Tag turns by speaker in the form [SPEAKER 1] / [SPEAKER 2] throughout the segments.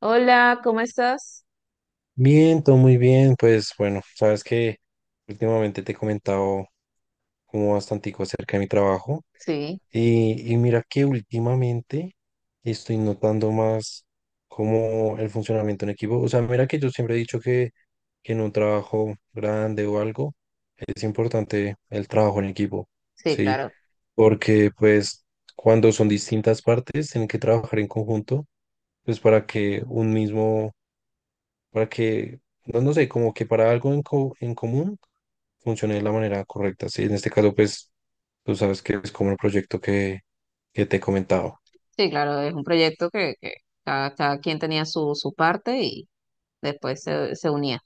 [SPEAKER 1] Hola, ¿cómo estás?
[SPEAKER 2] Bien, todo muy bien. Pues bueno, sabes que últimamente te he comentado como bastantico acerca de mi trabajo
[SPEAKER 1] Sí,
[SPEAKER 2] y mira que últimamente estoy notando más como el funcionamiento en equipo. O sea, mira que yo siempre he dicho que en un trabajo grande o algo es importante el trabajo en equipo,
[SPEAKER 1] sí,
[SPEAKER 2] ¿sí?
[SPEAKER 1] claro.
[SPEAKER 2] Porque pues cuando son distintas partes tienen que trabajar en conjunto, pues para que, no sé, como que para algo en común funcione de la manera correcta. Sí, en este caso, pues, tú sabes que es como el proyecto que te he comentado.
[SPEAKER 1] Sí, claro, es un proyecto que cada quien tenía su parte y después se unía.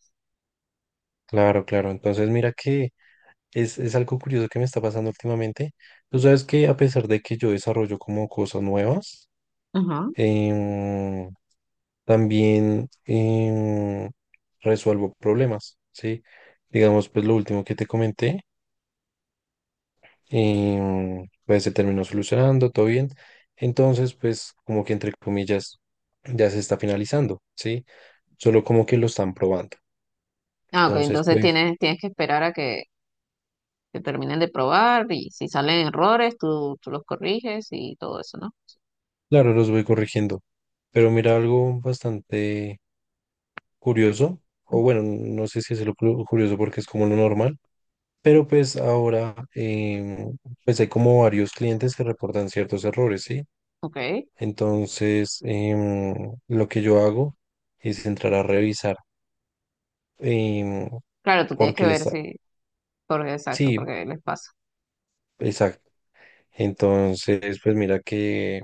[SPEAKER 2] Claro, claro. Entonces, mira que es algo curioso que me está pasando últimamente. Tú sabes que a pesar de que yo desarrollo como cosas nuevas,
[SPEAKER 1] Ajá.
[SPEAKER 2] em, también resuelvo problemas, ¿sí? Digamos, pues lo último que te comenté y pues se terminó solucionando, todo bien. Entonces, pues como que entre comillas ya se está finalizando, ¿sí? Solo como que lo están probando.
[SPEAKER 1] Ah, ok,
[SPEAKER 2] Entonces,
[SPEAKER 1] entonces
[SPEAKER 2] pues
[SPEAKER 1] tienes, tienes que esperar a que terminen de probar y si salen errores, tú los corriges y todo eso, ¿no?
[SPEAKER 2] claro, los voy corrigiendo. Pero mira algo bastante curioso,
[SPEAKER 1] Ujú.
[SPEAKER 2] o bueno, no sé si es lo curioso porque es como lo normal, pero pues ahora pues hay como varios clientes que reportan ciertos errores, ¿sí?
[SPEAKER 1] Ok.
[SPEAKER 2] Entonces, lo que yo hago es entrar a revisar. em,
[SPEAKER 1] Claro, tú tienes que
[SPEAKER 2] Porque le
[SPEAKER 1] ver
[SPEAKER 2] está...
[SPEAKER 1] si, porque exacto,
[SPEAKER 2] Sí,
[SPEAKER 1] porque les pasa.
[SPEAKER 2] exacto. Entonces, pues mira que,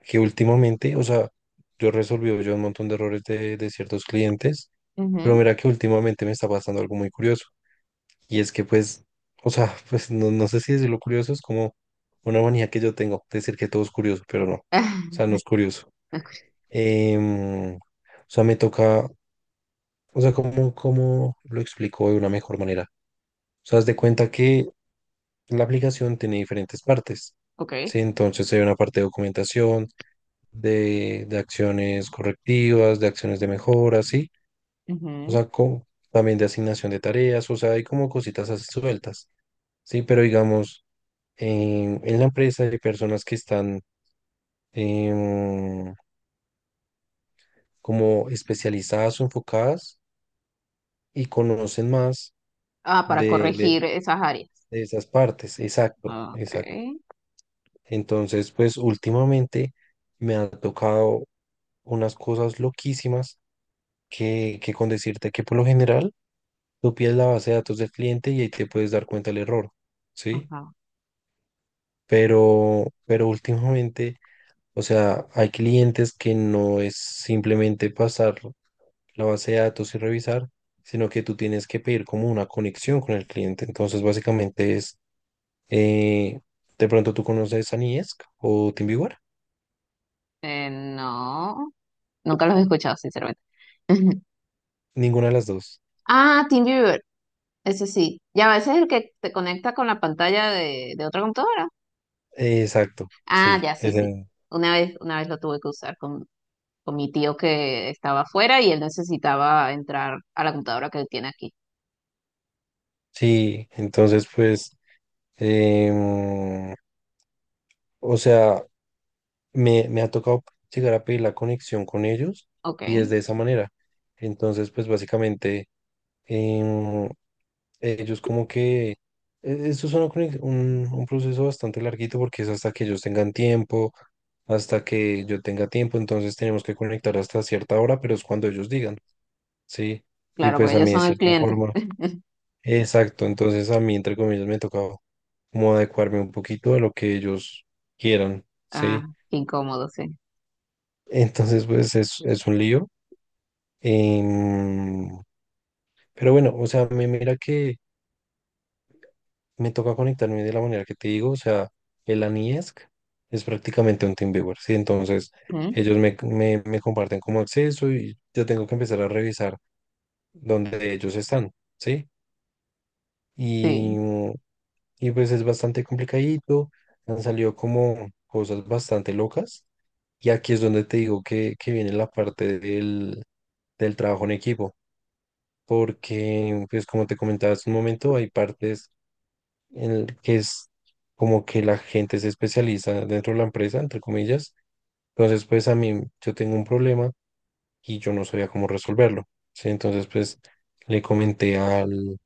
[SPEAKER 2] que últimamente, o sea, yo resolví yo un montón de errores de ciertos clientes, pero
[SPEAKER 1] Ujú.
[SPEAKER 2] mira que últimamente me está pasando algo muy curioso. Y es que pues, o sea, pues no sé si decirlo curioso es como una manía que yo tengo, decir que todo es curioso, pero no. O sea, no es curioso. O sea, me toca, o sea, ¿cómo lo explico de una mejor manera? O sea, haz de cuenta que la aplicación tiene diferentes partes,
[SPEAKER 1] Ok.
[SPEAKER 2] ¿sí? Entonces hay una parte de documentación, de acciones correctivas, de acciones de mejora, ¿sí? O
[SPEAKER 1] Ujú.
[SPEAKER 2] sea, también de asignación de tareas, o sea, hay como cositas así sueltas, ¿sí? Pero digamos, en la empresa hay personas que están em, como especializadas o enfocadas y conocen más
[SPEAKER 1] Ah, para
[SPEAKER 2] de, de,
[SPEAKER 1] corregir esas áreas.
[SPEAKER 2] de esas partes, exacto, exacto.
[SPEAKER 1] Ok.
[SPEAKER 2] Entonces, pues últimamente me ha tocado unas cosas loquísimas que con decirte que por lo general tú pides la base de datos del cliente y ahí te puedes dar cuenta del error, ¿sí?
[SPEAKER 1] Ajá.
[SPEAKER 2] Pero últimamente, o sea, hay clientes que no es simplemente pasar la base de datos y revisar, sino que tú tienes que pedir como una conexión con el cliente. Entonces, básicamente es, eh, de pronto tú conoces a Niesc o TeamViewer,
[SPEAKER 1] No. Nunca los he escuchado, sinceramente.
[SPEAKER 2] ninguna de las dos.
[SPEAKER 1] Ah, Team Viewer, ese sí. Ya a veces es el que te conecta con la pantalla de otra computadora.
[SPEAKER 2] Exacto,
[SPEAKER 1] Ah,
[SPEAKER 2] sí,
[SPEAKER 1] ya, sí, sí. Una vez lo tuve que usar con mi tío que estaba afuera y él necesitaba entrar a la computadora que él tiene aquí.
[SPEAKER 2] sí, entonces pues... Em, o sea, me ha tocado llegar a pedir la conexión con ellos
[SPEAKER 1] Ok,
[SPEAKER 2] y es de esa manera. Entonces, pues básicamente, em, ellos como que, esto es un proceso bastante larguito porque es hasta que ellos tengan tiempo, hasta que yo tenga tiempo, entonces tenemos que conectar hasta cierta hora, pero es cuando ellos digan, ¿sí? Y
[SPEAKER 1] claro,
[SPEAKER 2] pues
[SPEAKER 1] porque
[SPEAKER 2] a
[SPEAKER 1] ellos
[SPEAKER 2] mí de
[SPEAKER 1] son el
[SPEAKER 2] cierta
[SPEAKER 1] cliente.
[SPEAKER 2] forma. Exacto, entonces a mí, entre comillas, me tocaba como adecuarme un poquito a lo que ellos quieran, ¿sí?
[SPEAKER 1] Ah, qué incómodo, sí.
[SPEAKER 2] Entonces, pues es un lío. em, pero bueno, o sea, me mira que me toca conectarme de la manera que te digo, o sea, el ANIESC es prácticamente un TeamViewer, ¿sí? Entonces,
[SPEAKER 1] Mm.
[SPEAKER 2] ellos me comparten como acceso y yo tengo que empezar a revisar dónde ellos están, ¿sí? Y,
[SPEAKER 1] Sí,
[SPEAKER 2] y pues es bastante complicadito, han salido como cosas bastante locas y aquí es donde te digo que viene la parte del trabajo en equipo, porque pues como te comentaba hace un momento, hay partes en el que es como que la gente se especializa dentro de la empresa, entre comillas, entonces pues a mí yo tengo un problema y yo no sabía cómo resolverlo, ¿sí? Entonces pues le comenté al,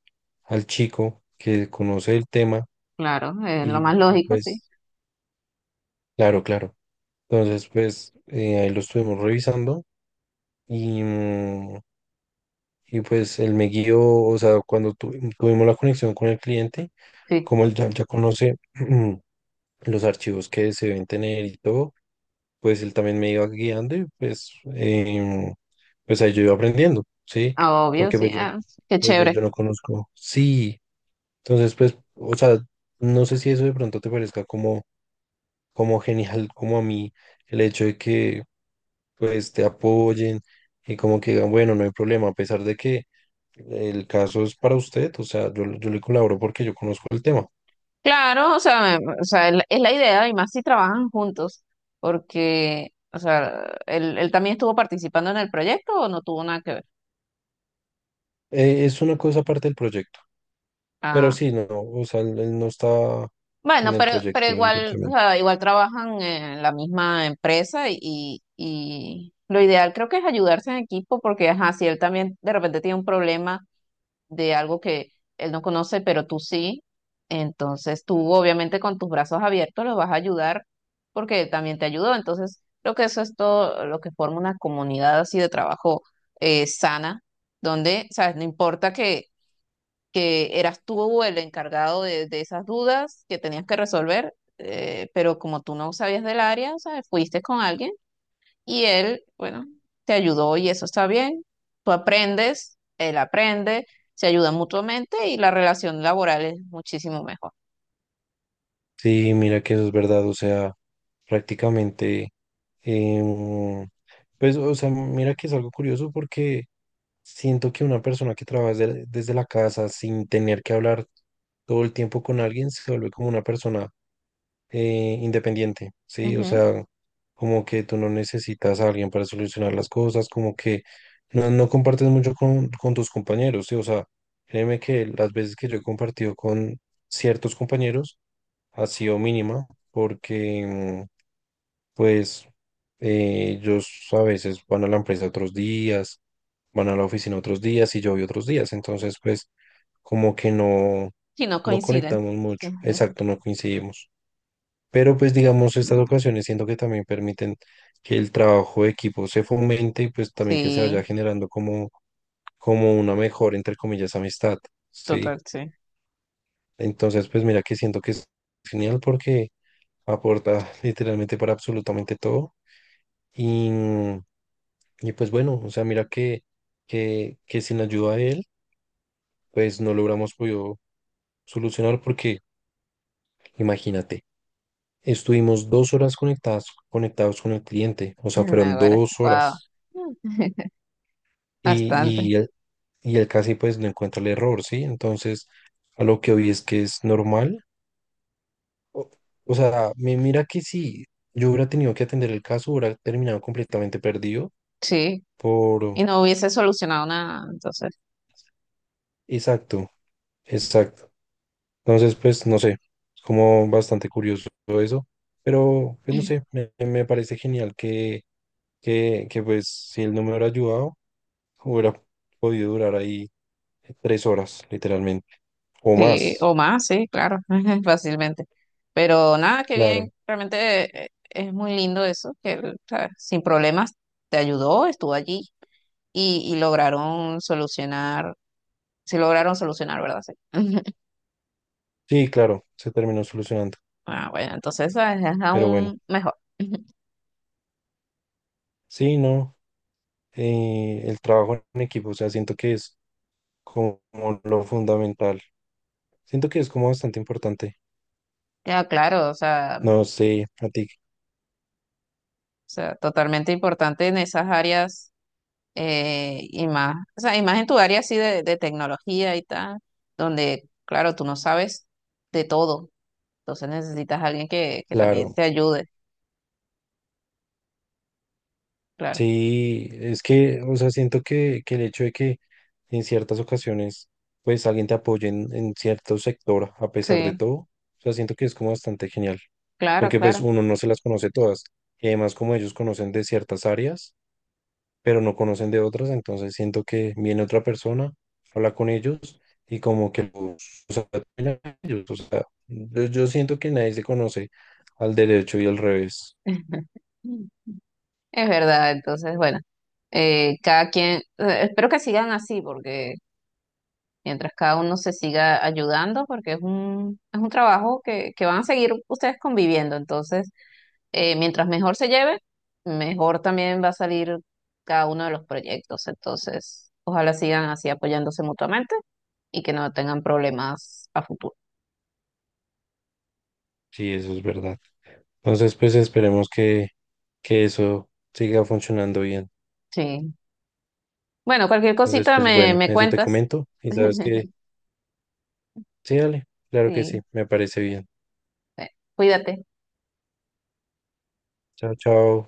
[SPEAKER 2] al chico que conoce el tema
[SPEAKER 1] claro, es lo
[SPEAKER 2] y
[SPEAKER 1] más lógico, sí.
[SPEAKER 2] pues claro, claro. Entonces, pues ahí lo estuvimos revisando y, mm, y pues él me guió, o sea, cuando tuvimos la conexión con el cliente,
[SPEAKER 1] Sí,
[SPEAKER 2] como él ya conoce los archivos que se deben tener y todo, pues él también me iba guiando y pues, pues ahí yo iba aprendiendo, ¿sí?
[SPEAKER 1] obvio,
[SPEAKER 2] Porque
[SPEAKER 1] sí.
[SPEAKER 2] pues yo,
[SPEAKER 1] Ah, qué
[SPEAKER 2] yo, yo,
[SPEAKER 1] chévere.
[SPEAKER 2] yo no conozco. Sí, entonces pues, o sea, no sé si eso de pronto te parezca como genial, como a mí, el hecho de que pues te apoyen y como que digan, bueno, no hay problema, a pesar de que el caso es para usted, o sea, yo le colaboro porque yo conozco el tema.
[SPEAKER 1] Claro, o sea, me- o sea, es la idea, y más si trabajan juntos, porque, o sea, él también estuvo participando en el proyecto o no tuvo nada que ver.
[SPEAKER 2] Es una cosa aparte del proyecto, pero
[SPEAKER 1] Ah,
[SPEAKER 2] sí, no, o sea, él no está en
[SPEAKER 1] bueno,
[SPEAKER 2] el
[SPEAKER 1] pero
[SPEAKER 2] proyecto
[SPEAKER 1] igual, o
[SPEAKER 2] directamente.
[SPEAKER 1] sea, igual trabajan en la misma empresa y lo ideal creo que es ayudarse en equipo, porque, ajá, si él también de repente tiene un problema de algo que él no conoce, pero tú sí. Entonces tú obviamente con tus brazos abiertos lo vas a ayudar porque él también te ayudó. Entonces creo que eso es todo lo que forma una comunidad así de trabajo sana, donde, sabes, no importa que eras tú el encargado de esas dudas que tenías que resolver, pero como tú no sabías del área, sabes, fuiste con alguien y él, bueno, te ayudó y eso está bien. Tú aprendes, él aprende, se ayudan mutuamente y la relación laboral es muchísimo mejor.
[SPEAKER 2] Sí, mira que eso es verdad, o sea, prácticamente, em, pues, o sea, mira que es algo curioso porque siento que una persona que trabaja desde la casa sin tener que hablar todo el tiempo con alguien se vuelve como una persona independiente, ¿sí? O
[SPEAKER 1] Ujú.
[SPEAKER 2] sea, como que tú no necesitas a alguien para solucionar las cosas, como que no compartes mucho con tus compañeros, ¿sí? O sea, créeme que las veces que yo he compartido con ciertos compañeros ha sido mínima, porque pues ellos a veces van a la empresa otros días, van a la oficina otros días y yo voy otros días, entonces pues como que no,
[SPEAKER 1] Si no
[SPEAKER 2] no
[SPEAKER 1] coinciden.
[SPEAKER 2] conectamos
[SPEAKER 1] Sí,
[SPEAKER 2] mucho, exacto, no coincidimos. Pero pues digamos, estas ocasiones siento que también permiten que el trabajo de equipo se fomente y pues también que se vaya
[SPEAKER 1] sí,
[SPEAKER 2] generando como una mejor, entre comillas, amistad, ¿sí?
[SPEAKER 1] total, sí.
[SPEAKER 2] Entonces, pues mira que siento que es genial porque aporta literalmente para absolutamente todo y, y pues bueno, o sea, mira que sin la ayuda de él, pues no logramos podido solucionar porque imagínate, estuvimos 2 horas conectados con el cliente, o sea, fueron
[SPEAKER 1] Ahora,
[SPEAKER 2] dos
[SPEAKER 1] wow.
[SPEAKER 2] horas. y,
[SPEAKER 1] Bastante.
[SPEAKER 2] y, él, y él casi pues no encuentra el error, ¿sí? Entonces, a lo que hoy es que es normal. O, o sea, me mira que si yo hubiera tenido que atender el caso, hubiera terminado completamente perdido
[SPEAKER 1] Sí.
[SPEAKER 2] por...
[SPEAKER 1] Y no hubiese solucionado nada, entonces.
[SPEAKER 2] Exacto, exacto. Entonces, pues, no sé, es como bastante curioso todo eso, pero, pues, no sé, me parece genial que, pues, si él no me hubiera ayudado, hubiera podido durar ahí 3 horas, literalmente, o
[SPEAKER 1] Sí,
[SPEAKER 2] más,
[SPEAKER 1] o más, sí, claro, fácilmente. Pero nada, qué bien,
[SPEAKER 2] claro.
[SPEAKER 1] realmente es muy lindo eso, que él, ¿sabes? Sin problemas te ayudó, estuvo allí y lograron solucionar, sí lograron solucionar, ¿verdad? Sí.
[SPEAKER 2] Sí, claro, se terminó solucionando.
[SPEAKER 1] Ah, bueno, entonces ¿sabes? Es
[SPEAKER 2] Pero bueno,
[SPEAKER 1] aún mejor.
[SPEAKER 2] sí, no, el trabajo en equipo, o sea, siento que es como lo fundamental. Siento que es como bastante importante.
[SPEAKER 1] Ya, claro,
[SPEAKER 2] No
[SPEAKER 1] o
[SPEAKER 2] sé, a ti,
[SPEAKER 1] sea, totalmente importante en esas áreas y más, o sea, y más en tu área así de tecnología y tal, donde, claro, tú no sabes de todo. Entonces necesitas a alguien que también
[SPEAKER 2] claro.
[SPEAKER 1] te ayude, claro.
[SPEAKER 2] Sí, es que, o sea, siento que el hecho de que en ciertas ocasiones, pues alguien te apoye en cierto sector, a pesar de
[SPEAKER 1] Sí,
[SPEAKER 2] todo, o sea, siento que es como bastante genial.
[SPEAKER 1] claro,
[SPEAKER 2] Porque pues
[SPEAKER 1] claro.
[SPEAKER 2] uno no se las conoce todas. Y además, como ellos conocen de ciertas áreas pero no conocen de otras, entonces siento que viene otra persona, habla con ellos y como que los apoya a ellos, o sea, yo siento que nadie se conoce al derecho y al revés,
[SPEAKER 1] Es verdad, entonces, bueno, cada quien, espero que sigan así, porque mientras cada uno se siga ayudando, porque es es un trabajo que van a seguir ustedes conviviendo, entonces, mientras mejor se lleve, mejor también va a salir cada uno de los proyectos, entonces, ojalá sigan así apoyándose mutuamente y que no tengan problemas a futuro.
[SPEAKER 2] sí, eso es verdad. Entonces, pues esperemos que eso siga funcionando bien.
[SPEAKER 1] Sí. Bueno, cualquier
[SPEAKER 2] Entonces,
[SPEAKER 1] cosita
[SPEAKER 2] pues
[SPEAKER 1] me,
[SPEAKER 2] bueno,
[SPEAKER 1] me
[SPEAKER 2] eso te
[SPEAKER 1] cuentas.
[SPEAKER 2] comento y sabes que sí, dale, claro que sí,
[SPEAKER 1] Sí,
[SPEAKER 2] me parece bien.
[SPEAKER 1] bueno, cuídate.
[SPEAKER 2] Chao, chao.